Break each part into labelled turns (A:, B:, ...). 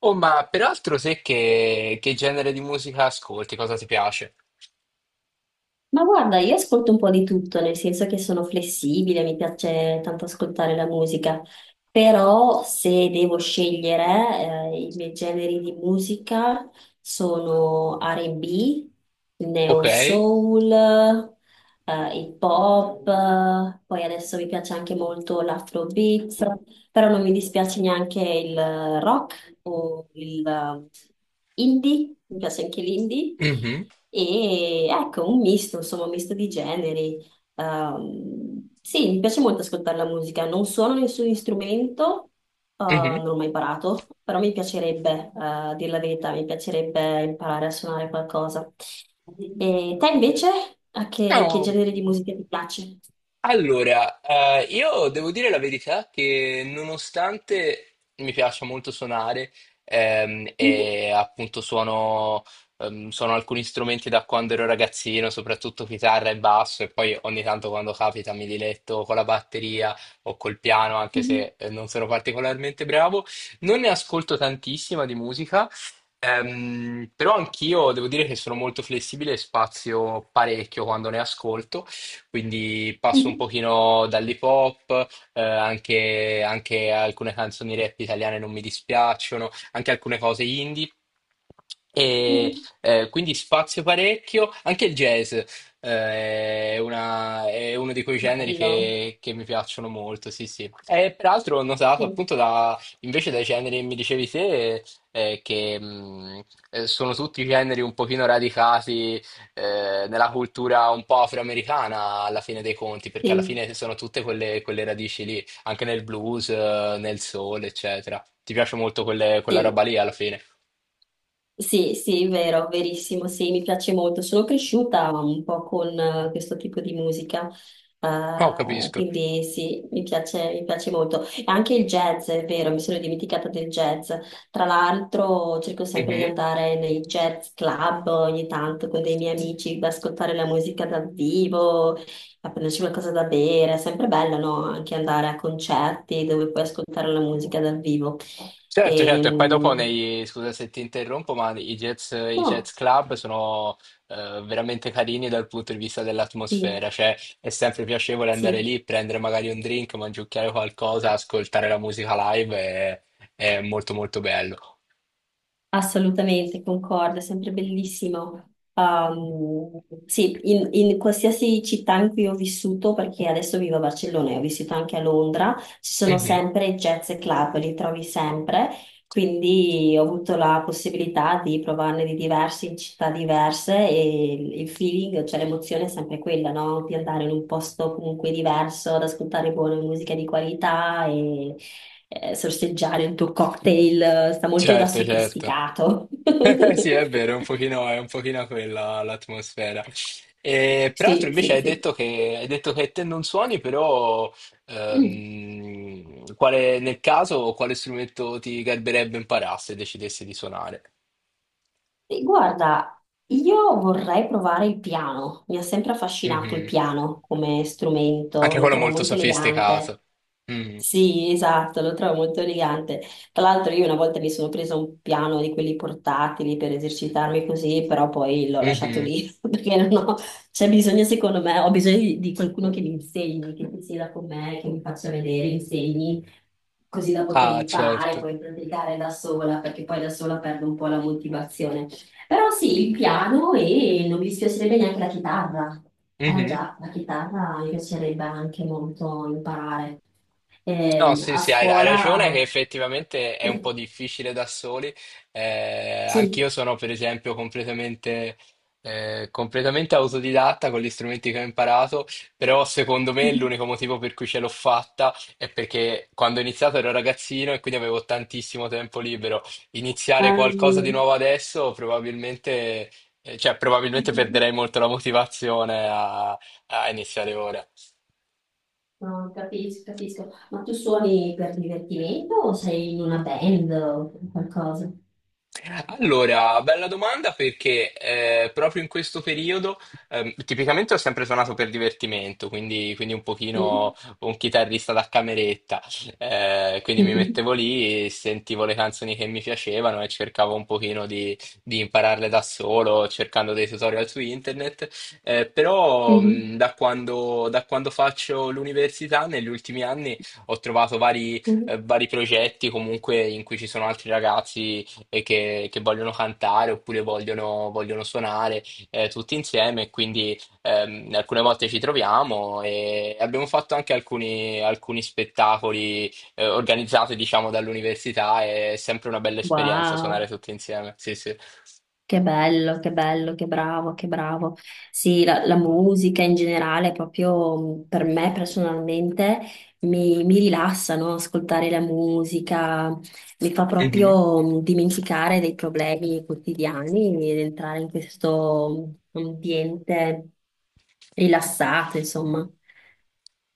A: Oh, ma peraltro sai che genere di musica ascolti? Cosa ti piace?
B: Ma guarda, io ascolto un po' di tutto, nel senso che sono flessibile, mi piace tanto ascoltare la musica, però se devo scegliere, i miei generi di musica sono R&B,
A: Ok.
B: neo soul, il pop, poi adesso mi piace anche molto l'afrobeat, però non mi dispiace neanche il rock o il indie, mi piace anche l'indie.
A: Mhm,
B: E ecco, un misto, insomma, un misto di generi. Sì, mi piace molto ascoltare la musica. Non suono nessun strumento,
A: mhm.
B: non l'ho mai imparato, però mi piacerebbe, a dir la verità, mi piacerebbe imparare a suonare qualcosa. E te invece, a che
A: No.
B: genere di musica ti piace?
A: Allora, io devo dire la verità che nonostante mi piaccia molto suonare
B: Mhm,
A: e appunto suono, suono alcuni strumenti da quando ero ragazzino, soprattutto chitarra e basso, e poi ogni tanto quando capita mi diletto con la batteria o col piano, anche
B: mhm,
A: se non sono particolarmente bravo, non ne ascolto tantissima di musica. Però anch'io devo dire che sono molto flessibile e spazio parecchio quando ne ascolto, quindi passo un
B: mhm,
A: pochino dall'hip hop, anche, anche alcune canzoni rap italiane non mi dispiacciono, anche alcune cose indie. E
B: mhm.
A: quindi spazio parecchio, anche il jazz è, è uno di quei generi
B: Bello.
A: che, che mi piacciono molto, sì, sì. E peraltro ho notato
B: Sì.
A: appunto invece dai generi che mi dicevi te, che sono tutti generi un pochino radicati nella cultura un po' afroamericana alla fine dei conti, perché alla
B: Sì,
A: fine sono tutte quelle radici lì, anche nel blues, nel soul, eccetera. Ti piace molto quella roba
B: sì,
A: lì alla fine?
B: sì, sì, vero, verissimo, sì, mi piace molto. Sono cresciuta un po' con questo tipo di musica,
A: Oh, capisco.
B: quindi sì, mi piace molto. E anche il jazz, è vero, mi sono dimenticata del jazz. Tra l'altro cerco sempre di
A: Mhm.
B: andare nei jazz club ogni tanto con dei miei amici, ad ascoltare la musica dal vivo, a prenderci qualcosa da bere. È sempre bello, no? Anche andare a concerti dove puoi ascoltare la musica dal vivo.
A: Certo, certo, e poi dopo
B: E,
A: scusa se ti interrompo, ma i jazz club sono veramente carini dal punto di vista
B: sì,
A: dell'atmosfera, cioè è sempre piacevole andare
B: sì,
A: lì, prendere magari un drink, mangiucchiare qualcosa, ascoltare la musica live, è molto molto bello.
B: assolutamente, concordo, è sempre bellissimo. Sì, in qualsiasi città in cui ho vissuto, perché adesso vivo a Barcellona e ho vissuto anche a Londra, ci sono sempre jazz e club, li trovi sempre, quindi ho avuto la possibilità di provarne di diversi in città diverse e il feeling, cioè l'emozione è sempre quella, no? Di andare in un posto comunque diverso, ad ascoltare buona musica di qualità e sorseggiare un tuo cocktail, sta molto da
A: Certo, certo.
B: sofisticato.
A: Sì, è vero, è un pochino quella l'atmosfera. E, peraltro
B: Sì,
A: invece
B: sì, sì.
A: hai detto che te non suoni, però
B: Mm.
A: nel caso quale strumento ti garberebbe imparare se decidessi di suonare?
B: E guarda, io vorrei provare il piano. Mi ha sempre affascinato il
A: Mhm.
B: piano come strumento,
A: Anche
B: lo
A: quello
B: trovo
A: molto
B: molto elegante.
A: sofisticato. Mm.
B: Sì, esatto, lo trovo molto elegante. Tra l'altro io una volta mi sono presa un piano di quelli portatili per esercitarmi così, però poi l'ho lasciato
A: Mhm.
B: lì perché non ho, c'è bisogno, secondo me, ho bisogno di, qualcuno che mi insegni, che mi sieda con me, che mi faccia vedere, insegni, così da poter
A: Ah,
B: imparare,
A: certo.
B: poi praticare da sola, perché poi da sola perdo un po' la motivazione, però sì, il piano, e non mi dispiacerebbe neanche la chitarra. Eh
A: Mhm.
B: già, la chitarra mi piacerebbe anche molto imparare.
A: No, sì,
B: A
A: sì, hai ragione
B: scuola...
A: che effettivamente è un po' difficile da soli.
B: Sì.
A: Anch'io sono, per esempio, completamente autodidatta con gli strumenti che ho imparato, però secondo me l'unico motivo per cui ce l'ho fatta è perché quando ho iniziato ero ragazzino e quindi avevo tantissimo tempo libero. Iniziare qualcosa di
B: Ehm,
A: nuovo adesso probabilmente, probabilmente perderei molto la motivazione a iniziare ora.
B: No, capisco, capisco. Ma tu suoni per divertimento o sei in una band o qualcosa?
A: Allora, bella domanda perché proprio in questo periodo tipicamente ho sempre suonato per divertimento, quindi un pochino
B: Mhm.
A: un chitarrista da cameretta. Quindi mi mettevo lì, sentivo le canzoni che mi piacevano e cercavo un pochino di impararle da solo, cercando dei tutorial su internet. Però
B: Mhm.
A: Da quando faccio l'università negli ultimi anni ho trovato
B: Mhm.
A: vari progetti comunque in cui ci sono altri ragazzi e che vogliono cantare oppure vogliono suonare tutti insieme. Quindi alcune volte ci troviamo e abbiamo fatto anche alcuni spettacoli organizzati, diciamo, dall'università. È sempre una bella esperienza suonare
B: Wow.
A: tutti insieme. Sì,
B: Che bello, che bello, che bravo, che bravo. Sì, la musica in generale, proprio per me personalmente, mi rilassa, no? Ascoltare la musica mi fa
A: sì.
B: proprio dimenticare dei problemi quotidiani ed entrare in questo ambiente rilassato, insomma.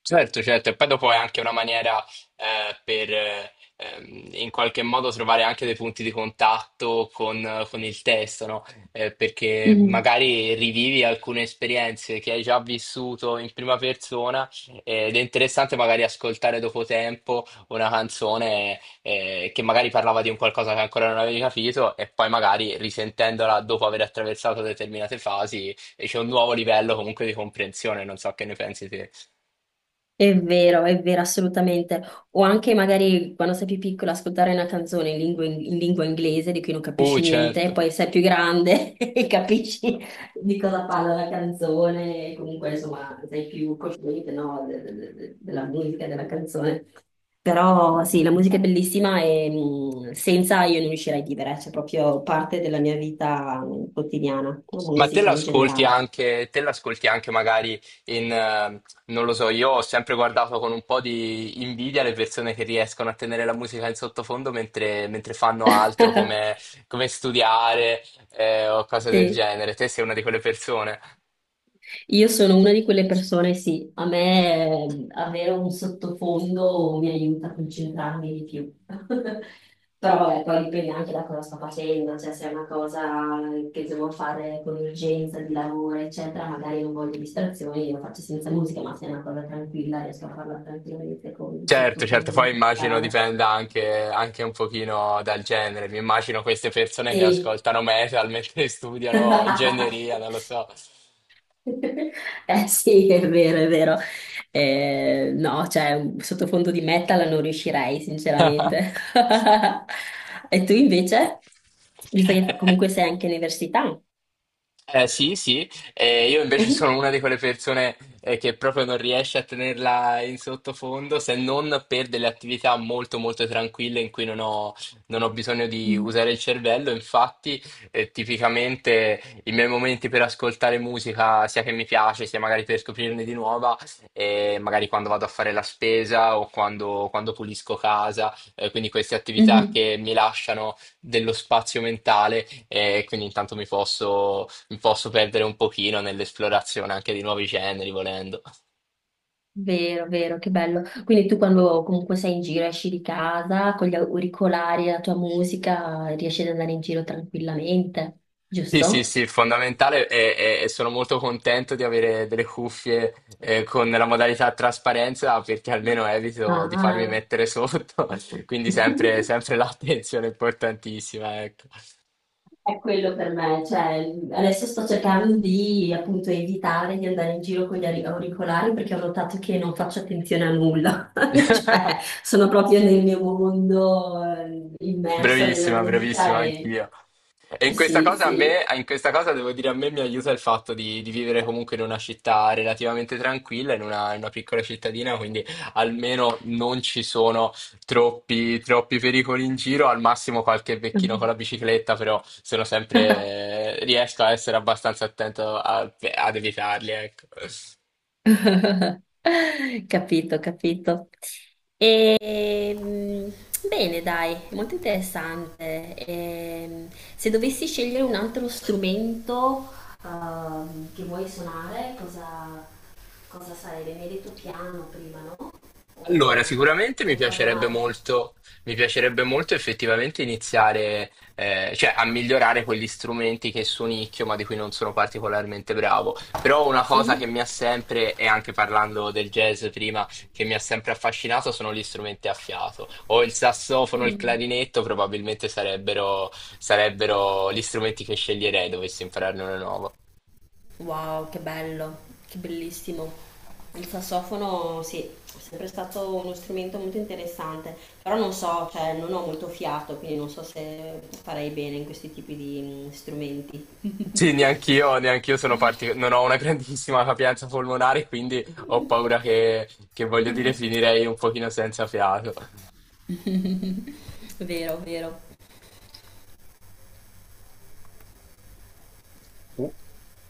A: Certo, certo, e poi dopo è anche una maniera per in qualche modo trovare anche dei punti di contatto con il testo, no? Perché
B: Mhm.
A: magari rivivi alcune esperienze che hai già vissuto in prima persona, ed è interessante magari ascoltare dopo tempo una canzone che magari parlava di un qualcosa che ancora non avevi capito e poi magari risentendola dopo aver attraversato determinate fasi c'è un nuovo livello comunque di comprensione, non so che ne pensi te.
B: È vero, assolutamente. O anche magari quando sei più piccola ascoltare una canzone in lingua inglese di cui non capisci niente, e
A: Certo.
B: poi sei più grande e capisci di cosa parla la canzone, e comunque insomma sei più cosciente, no, della musica, e della canzone. Però sì, la musica è bellissima e senza io non riuscirei a vivere, c'è proprio parte della mia vita quotidiana, la
A: Ma
B: musica in generale.
A: te l'ascolti anche magari in, non lo so, io ho sempre guardato con un po' di invidia le persone che riescono a tenere la musica in sottofondo mentre fanno altro, come, come studiare, o cose del
B: Sì.
A: genere. Te sei una di quelle persone?
B: Io sono una di quelle persone, sì, a me avere un sottofondo mi aiuta a concentrarmi di più. Però vabbè, poi dipende anche da cosa sto facendo, cioè se è una cosa che devo fare con urgenza di lavoro, eccetera, magari non voglio distrazioni, lo faccio senza musica, ma se è una cosa tranquilla riesco a farla tranquillamente con un
A: Certo, certo,
B: sottofondo
A: poi immagino
B: musicale.
A: dipenda anche, anche un pochino dal genere. Mi immagino queste persone che
B: Sì.
A: ascoltano metal mentre studiano ingegneria, non lo so.
B: Eh sì, è vero, è vero. No, cioè, un sottofondo di metal non riuscirei, sinceramente. E tu invece? Visto che
A: Eh,
B: comunque sei anche all'università.
A: sì, io invece
B: Mhm.
A: sono una di quelle persone che proprio non riesce a tenerla in sottofondo se non per delle attività molto molto tranquille in cui non ho bisogno di
B: Mm.
A: usare il cervello. Infatti, tipicamente i miei momenti per ascoltare musica, sia che mi piace, sia magari per scoprirne di nuova, magari quando vado a fare la spesa o quando pulisco casa. Quindi queste attività
B: Mhm.
A: che mi lasciano dello spazio mentale e quindi intanto mi posso perdere un pochino nell'esplorazione anche di nuovi generi, volendo.
B: Vero, vero, che bello. Quindi tu quando comunque sei in giro, esci di casa con gli auricolari, e la tua musica, riesci ad andare in giro tranquillamente,
A: Sì, sì,
B: giusto?
A: sì, fondamentale e sono molto contento di avere delle cuffie con la modalità trasparenza perché almeno evito di farmi
B: Ah.
A: mettere sotto, quindi sempre, sempre l'attenzione è importantissima, ecco.
B: È quello per me, cioè adesso sto cercando di appunto evitare di andare in giro con gli auricolari perché ho notato che non faccio attenzione a nulla, cioè sono proprio nel mio mondo, immersa nella
A: Bravissima,
B: musica,
A: bravissima
B: e
A: anch'io. E
B: sì, sì.
A: in questa cosa devo dire, a me mi aiuta il fatto di vivere comunque in una città relativamente tranquilla, in in una piccola cittadina, quindi almeno non ci sono troppi pericoli in giro, al massimo qualche vecchino con la bicicletta, però sono sempre, riesco a essere abbastanza attento ad evitarli, ecco.
B: Capito, capito. Ehm, Bene, dai, molto interessante. Se dovessi scegliere un altro strumento, che vuoi suonare, cosa sarebbe? Mi hai detto piano prima, no?
A: Allora,
B: O,
A: sicuramente
B: o ricordo male?
A: mi piacerebbe molto effettivamente iniziare, cioè a migliorare quegli strumenti che suonicchio ma di cui non sono particolarmente bravo. Però una cosa che mi ha sempre, e anche parlando del jazz prima, che mi ha sempre affascinato sono gli strumenti a fiato. O il sassofono, il
B: Mhm.
A: clarinetto probabilmente sarebbero, sarebbero gli strumenti che sceglierei dovessi impararne uno nuovo.
B: Wow, che bello, che bellissimo. Il sassofono sì, è sempre stato uno strumento molto interessante, però non so, cioè non ho molto fiato, quindi non so se farei bene in questi tipi di strumenti.
A: Sì, neanch'io, neanch'io sono non ho una grandissima capienza polmonare, quindi ho paura che voglio dire finirei un pochino senza fiato.
B: Vero, vero.